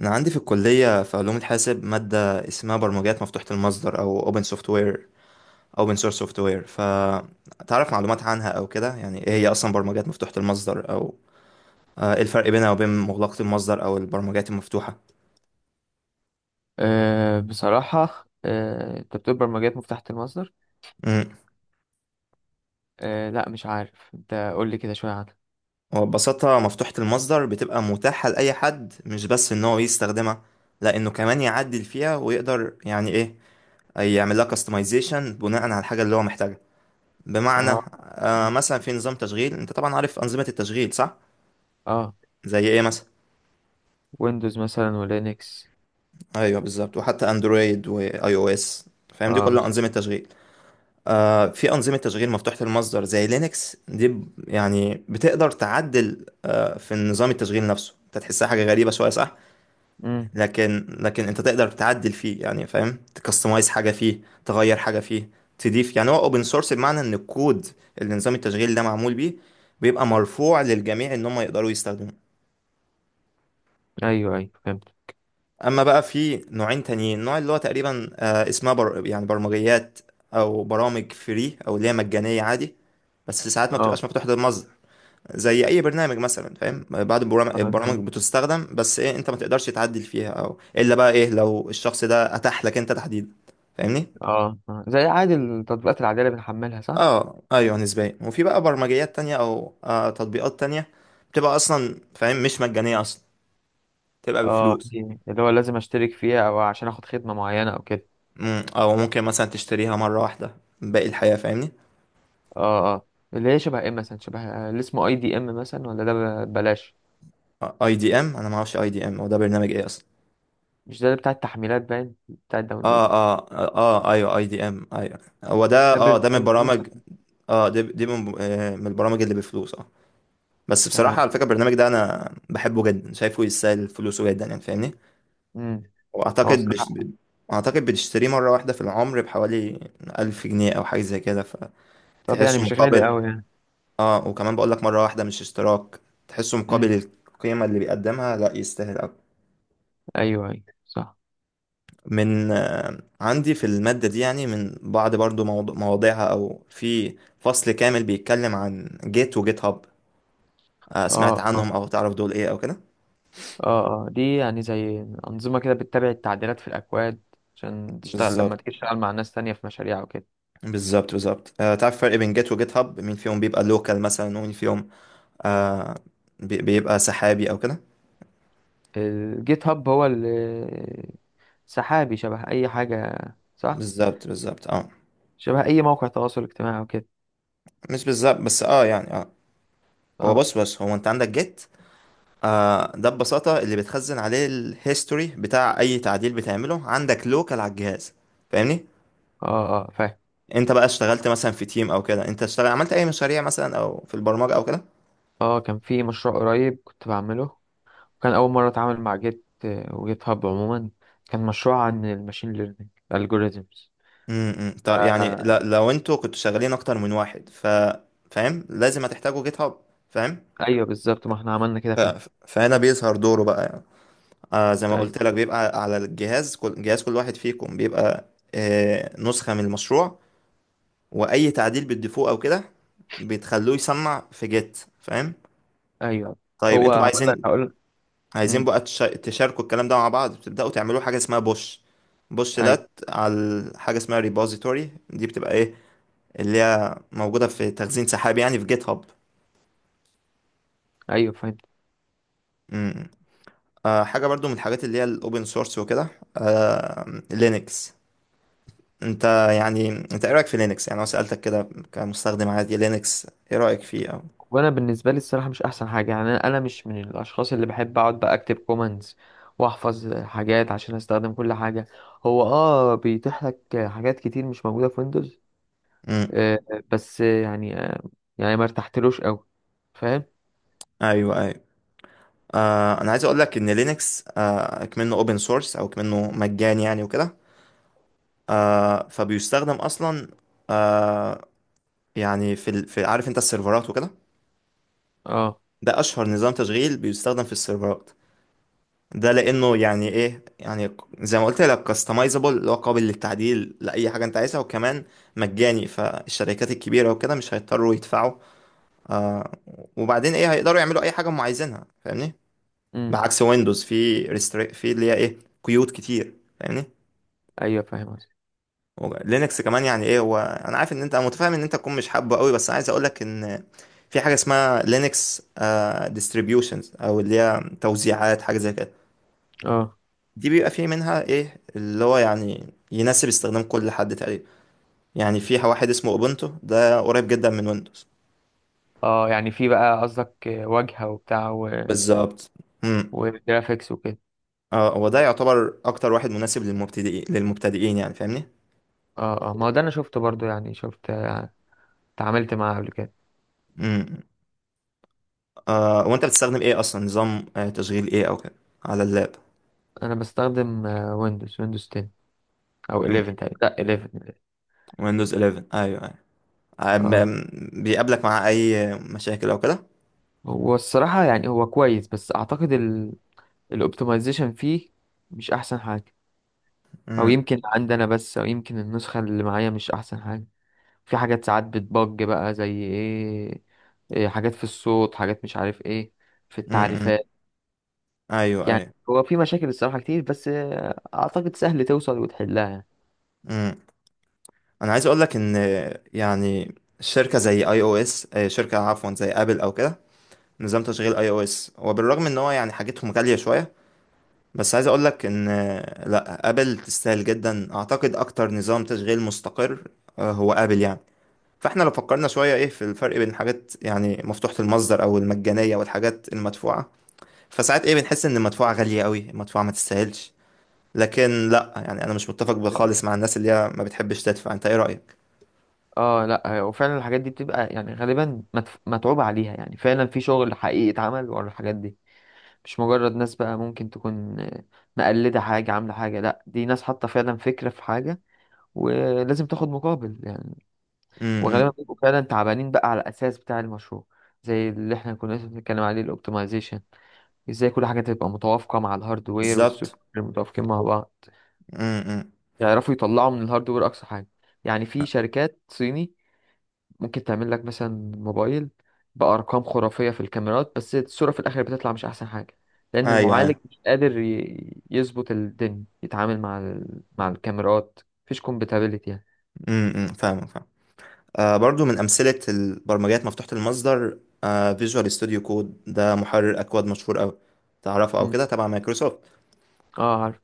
أنا عندي في الكلية في علوم الحاسب مادة اسمها برمجيات مفتوحة المصدر أو open software open source software. فتعرف معلومات عنها أو كده، يعني إيه هي أصلا برمجيات مفتوحة المصدر أو إيه الفرق بينها وبين مغلقة المصدر أو البرمجيات المفتوحة؟ بصراحة، انت بتقول برمجيات مفتاحة المصدر. امم لا، مش عارف. انت قول لي كده شوية عنها. وببساطة مفتوحة المصدر بتبقى متاحة لأي حد، مش بس إن هو يستخدمها لأنه كمان يعدل فيها ويقدر يعني إيه، يعمل لها customization بناء على الحاجة اللي هو محتاجها. بمعنى اه. مم. مثلا في نظام تشغيل، أنت طبعا عارف أنظمة التشغيل صح؟ اه، زي ايه مثلا؟ ويندوز مثلا ولينكس. ايوه بالظبط، وحتى اندرويد واي او اس. فاهم؟ دي اه، كلها انظمه تشغيل. في انظمه تشغيل مفتوحه المصدر زي لينكس دي، يعني بتقدر تعدل في نظام التشغيل نفسه. انت تحسها حاجه غريبه شويه صح؟ مم. لكن انت تقدر تعدل فيه يعني، فاهم؟ تكستمايز حاجه فيه، تغير حاجه فيه، تضيف. يعني هو اوبن سورس بمعنى ان الكود اللي نظام التشغيل ده معمول بيه بيبقى مرفوع للجميع ان هم يقدروا يستخدموه. ايوه، ايوه، فهمت. اما بقى في نوعين تانيين. نوع اللي هو تقريبا يعني برمجيات او برامج فري، او اللي هي مجانيه عادي، بس ساعات ما اه، بتبقاش مفتوحه للمصدر. زي اي برنامج مثلا، فاهم؟ اه، زي البرامج بتستخدم، بس ايه، انت ما تقدرش تعدل فيها، او الا بقى ايه لو الشخص ده اتاح لك انت تحديدا. فاهمني؟ اه آه، زي عادي التطبيقات العادية اللي بنحملها، صح؟ اه ايوه نسبيا. وفي بقى برمجيات تانية او تطبيقات تانية بتبقى اصلا، فاهم، مش مجانيه اصلا، بتبقى اه. بفلوس. دي اللي هو لازم اشترك فيها، او عشان اخد خدمة معينة او كده. او ممكن مثلا تشتريها مره واحده باقي الحياه، فاهمني؟ اه، اه، اللي هي شبه ايه مثلا، شبه اللي اسمه اي دي ام مثلا، ولا ده؟ بلاش. اي دي ام، انا ما اعرفش اي دي ام هو ده برنامج ايه اصلا. مش ده اللي بتاع التحميلات؟ باين بتاع اه الداونلود. اه ايوه اي دي ام ايوه، هو ده. اه ده من ده بفلوس. البرامج. اه دي من من البرامج اللي بفلوس اه. بس بصراحة تمام. على فكرة البرنامج ده انا بحبه جدا، شايفه يستاهل فلوسه جدا يعني، فاهمني؟ مم. هو واعتقد بش... الصراحة، ب- اعتقد بتشتريه مرة واحدة في العمر بحوالي 1000 جنيه او حاجة زي كده، طب يعني فتحسه مش غالي مقابل. قوي يعني. اه، وكمان بقول لك مرة واحدة مش اشتراك. تحسه امم. مقابل القيمة اللي بيقدمها لا، يستاهل أوي. ايوه، ايوه، صح. من عندي في المادة دي، يعني من بعض برضو مواضيعها، أو في فصل كامل بيتكلم عن جيت وجيت هاب. سمعت اه، اه. عنهم أو تعرف دول إيه أو كده؟ اه، اه، دي يعني زي أنظمة كده بتتابع التعديلات في الأكواد، عشان تشتغل لما بالظبط. تيجي تشتغل مع ناس تانية في مشاريع وكده. بالظبط تعرف الفرق بين جيت وجيت هاب، مين فيهم بيبقى لوكال مثلا ومين فيهم آه بيبقى سحابي أو كده؟ الجيت هاب هو سحابي، شبه أي حاجة، صح؟ بالظبط اه. شبه أي موقع تواصل اجتماعي وكده. مش بالظبط، بس اه يعني اه. هو اه، بص بص هو، انت عندك جيت. ده ببساطة اللي بتخزن عليه الهيستوري بتاع أي تعديل بتعمله عندك لوكال على الجهاز، فاهمني؟ اه، اه، فاهم. انت بقى اشتغلت مثلا في تيم او كده، انت اشتغل عملت اي مشاريع مثلا او في البرمجة او كده؟ اه، كان في مشروع قريب كنت بعمله. كان أول مرة أتعامل مع جيت وجيت هاب عموما. كان مشروع عن الماشين ليرنينج algorithms. امم، طب يعني آه، لو انتوا كنتوا شغالين اكتر من واحد، ف، فاهم؟ لازم هتحتاجوا جيت هاب، فاهم؟ ايوه، بالظبط، ما احنا عملنا كده ف... فعلا. فهنا بيظهر دوره بقى يعني. زي ما ايوه، قلت لك بيبقى على الجهاز، كل جهاز كل واحد فيكم بيبقى نسخة من المشروع، واي تعديل بتضيفوه او كده بتخلوه يسمع في جيت، فاهم؟ ايوه. طيب هو انتوا بقى هقول لك عايزين، هقول عايزين امم. بقى تشاركوا الكلام ده مع بعض، بتبدأوا تعملوا حاجة اسمها بوش. بوش ايوه، ده على حاجة اسمها ريبوزيتوري، دي بتبقى ايه، اللي هي موجودة في تخزين سحابي يعني في جيت هاب. ايوه، فهمت. امم. حاجة برضو من الحاجات اللي هي الاوبن سورس وكده، لينكس. انت يعني، انت ايه رأيك في لينكس؟ يعني انا سألتك كده كمستخدم عادي لينكس، ايه رأيك فيه او؟ وانا بالنسبه لي الصراحه مش احسن حاجه، يعني أنا مش من الاشخاص اللي بحب اقعد بقى اكتب كومنتس، واحفظ حاجات عشان استخدم كل حاجه. هو بيتيح لك حاجات كتير مش موجوده في ويندوز. امم. آه بس يعني يعني ما ارتحتلوش قوي، فاهم. ايوه ايوه. انا عايز اقول لك ان لينكس كمنه اوبن سورس او كمنه مجاني يعني وكده، فبيستخدم اصلا آه يعني في، في، عارف انت السيرفرات وكده؟ اه. ده اشهر نظام تشغيل بيستخدم في السيرفرات. ده لانه يعني ايه، يعني زي ما قلت لك كاستمايزابل، اللي هو قابل للتعديل لاي حاجه انت عايزها. وكمان مجاني، فالشركات الكبيره وكده مش هيضطروا يدفعوا آه وبعدين ايه، هيقدروا يعملوا اي حاجه هم عايزينها، فاهمني؟ امم، بعكس ويندوز في ريستري، في اللي هي ايه، قيود كتير، فاهمني؟ ايوه، فاهم قصدك. لينكس كمان يعني ايه، هو انا عارف ان انت، انا متفاهم ان انت تكون مش حابه قوي، بس عايز اقولك ان في حاجه اسمها لينكس ديستريبيوشنز، او اللي هي توزيعات، حاجه زي كده. اه، دي بيبقى في منها ايه اللي هو يعني يناسب استخدام كل حد تقريبا. يعني في واحد اسمه اوبونتو، ده قريب جدا من ويندوز. اه، يعني في بقى قصدك واجهه وبتاع. بالظبط. امم. وجرافيكس وكده. اه هو ده يعتبر اكتر واحد مناسب للمبتدئين يعني، فاهمني؟ اه، اه، ما هو ده انا شفته برضو، يعني شفت اتعاملت معاه قبل كده. امم. وانت بتستخدم ايه اصلا، نظام تشغيل ايه او كده على اللاب؟ انا بستخدم ويندوز 10 او امم، 11 تقريبا، لا 11. ويندوز 11 ايوه ايوه. اه، بيقابلك مع اي مشاكل او كده؟ هو الصراحة يعني هو كويس، بس اعتقد الاوبتمايزيشن فيه مش احسن حاجة. او امم. يمكن عندنا بس، او يمكن النسخة اللي معايا مش احسن حاجة. في حاجات ساعات بتبج بقى، زي ايه، إيه، حاجات في الصوت، حاجات مش عارف ايه، في امم. التعريفات. ايوه يعني ايوه. هو في مشاكل الصراحة كتير، بس اعتقد سهل توصل وتحلها يعني. امم انا عايز اقول لك ان يعني شركه زي اي او اس شركه عفوا زي ابل او كده نظام تشغيل اي او اس وبالرغم ان هو يعني حاجتهم غاليه شويه بس عايز اقول لك ان آه، لا ابل تستاهل جدا اعتقد اكتر نظام تشغيل مستقر آه، هو ابل يعني فاحنا لو فكرنا شويه ايه في الفرق بين حاجات يعني مفتوحه المصدر او المجانيه والحاجات المدفوعه فساعات ايه بنحس ان المدفوعة غالية قوي المدفوعة ما تستاهلش لكن لا يعني انا مش متفق خالص مع الناس اللي هي ما بتحبش تدفع انت ايه رأيك اه، لا، وفعلا الحاجات دي بتبقى يعني غالبا متعوب عليها، يعني فعلا في شغل حقيقي اتعمل ورا الحاجات دي. مش مجرد ناس بقى ممكن تكون مقلدة حاجة، عاملة حاجة. لا، دي ناس حاطة فعلا فكرة في حاجة، ولازم تاخد مقابل يعني. وغالبا امم بيبقوا فعلا تعبانين بقى على الأساس بتاع المشروع، زي اللي احنا كنا لسه بنتكلم عليه، الاوبتمايزيشن. ازاي كل حاجة تبقى متوافقة مع الهاردوير، والسوفت بالظبط وير متوافقين مع بعض. امم امم. يعرفوا يطلعوا من الهاردوير أقصى حاجة. يعني في شركات صيني ممكن تعمل لك مثلا موبايل بأرقام خرافية في الكاميرات، بس الصورة في الآخر بتطلع مش أحسن حاجة. لأن ايوه ايوه المعالج مش قادر يظبط الدنيا، يتعامل مع الكاميرات. مفيش كومباتيبلتي يعني. فاهم فاهم. برضو من امثلة البرمجيات مفتوحة المصدر فيجوال ستوديو كود، ده محرر اكواد مشهور قوي، تعرفه او مم. كده؟ تبع مايكروسوفت. اه، عارف.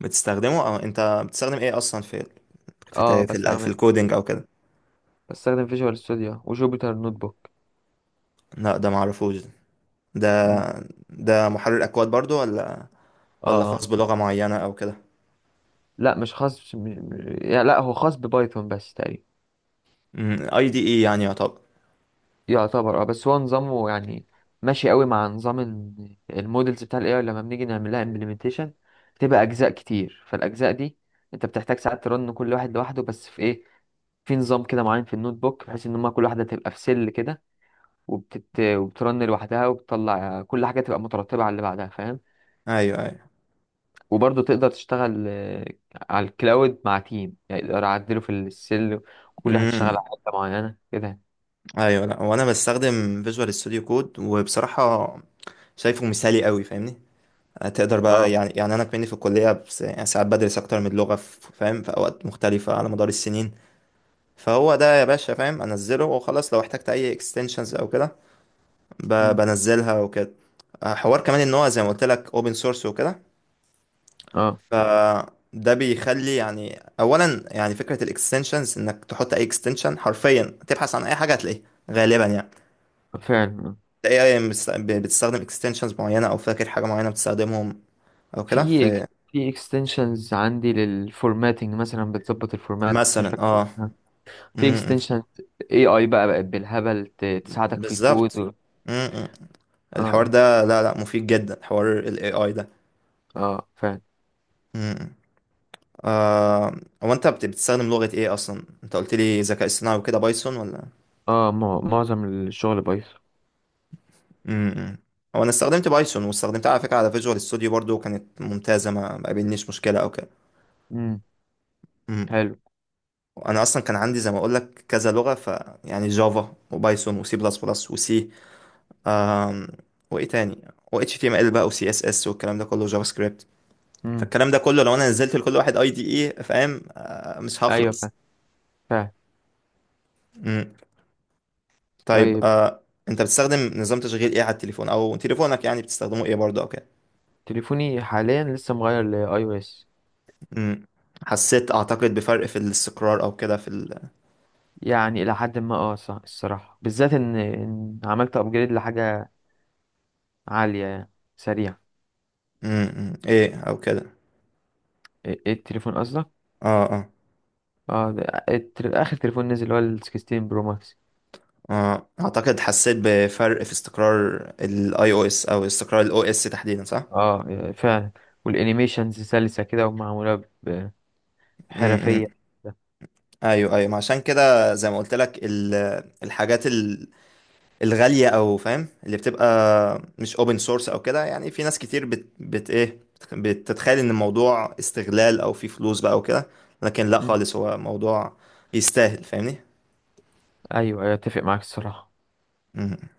بتستخدمه؟ او انت بتستخدم ايه اصلا في، اه. في الكودينج او كده؟ بستخدم فيجوال ستوديو وجوبيتر نوت بوك. لا ده معرفوش ده. مم. ده محرر اكواد برضو، ولا اه. ولا خاص آه. بلغة معينة أو كده؟ لا، مش خاص. مش... م- يعني، لا، هو خاص ببايثون بس تقريبا. اي دي اي يعني يعتبر. يعتبر، بس هو نظامه يعني ماشي قوي مع نظام المودلز بتاع الاي اي، لما بنيجي نعمل لها امبلمنتيشن. بتبقى اجزاء كتير، فالاجزاء دي انت بتحتاج ساعات ترن كل واحد لوحده، بس في ايه، في نظام كده معين في النوت بوك، بحيث ان هما كل واحده تبقى في سيل كده، وبترن لوحدها، وبتطلع كل حاجه تبقى مترتبه على اللي بعدها، فاهم. ايوه ايوه. وبرضه تقدر تشتغل على الكلاود مع تيم، يعني تقدر اعدله في السيل، وكل واحد يشتغل امم. على حته معينه كده. ايوه لا، وانا بستخدم فيجوال ستوديو كود، وبصراحة شايفه مثالي قوي، فاهمني؟ تقدر بقى اه. يعني، يعني انا كمني في الكلية بس يعني ساعات بدرس اكتر من لغة فاهم، في اوقات مختلفة على مدار السنين. فهو ده يا باشا، فاهم، انزله وخلاص. لو احتجت اي اكستنشنز او كده مم. بنزلها وكده. حوار كمان ان هو زي ما قلت لك اوبن سورس وكده، اه، فده بيخلي يعني اولا يعني فكره الاكستنشنز انك تحط اي اكستنشن حرفيا، تبحث عن اي حاجه هتلاقيها غالبا يعني. فعلا. تلاقي اي بتستخدم اكستنشنز معينه، او فاكر حاجه معينه بتستخدمهم او كده؟ في في اكستنشنز عندي للفورماتنج مثلا بتظبط الفورمات، بس مش مثلا فاكر إيه. اه. في م- م. اكستنشن اي اي بقى بقت بالهبل تساعدك في بالظبط. الكود. م- م. الحوار اه. ده لا لا، مفيد جدا حوار الاي اي ده. اه، فعلا. م- م. آه هو انت بتستخدم لغه ايه اصلا؟ انت قلت لي ذكاء اصطناعي وكده، بايثون ولا؟ اه، معظم الشغل بايثون. امم. هو انا استخدمت بايثون، واستخدمتها على فكره على فيجوال ستوديو برضو، كانت ممتازه، ما قابلنيش مشكله او كده. امم. امم. حلو. انا اصلا كان عندي زي ما اقول لك كذا لغه، ف يعني جافا وبايثون وسي بلس بلس وسي، آم، وايه تاني، و اتش تي ام ال بقى وسي اس اس والكلام ده كله، جافا سكريبت. امم، فالكلام ده كله لو انا نزلت لكل واحد اي دي اي، فاهم، مش ايوه، هخلص. فعلا، فعلا. امم. طيب طيب. انت بتستخدم نظام تشغيل ايه على التليفون؟ او تليفونك يعني بتستخدمه ايه برضه او كده؟ تليفوني حاليا لسه مغير لاي او اس. امم. حسيت اعتقد بفرق في الاستقرار او كده في؟ يعني الى حد ما صح الصراحه، بالذات إن عملت ابجريد لحاجه عاليه يعني. سريع. امم. ايه او كده؟ إيه التليفون قصدك؟ اه اه اه، ده اخر تليفون نزل، اللي هو ال 16 برو ماكس. اه اعتقد حسيت بفرق في استقرار الاي او اس، او استقرار الاو اس تحديدا صح؟ اه، فعلا. والانيميشنز سلسة كده ومعمولة ب- امم. امم. بحرفية. ايوه ايوه، ما عشان كده زي ما قلت لك الحاجات الغاليه او فاهم، اللي بتبقى مش اوبن سورس او كده، يعني في ناس كتير بت, بت ايه، بتتخيل ان الموضوع استغلال او في فلوس بقى او كده، لكن لا مم. خالص، هو موضوع يستاهل، فاهمني؟ ايوه، أيوة، اتفق معاك الصراحة. امم.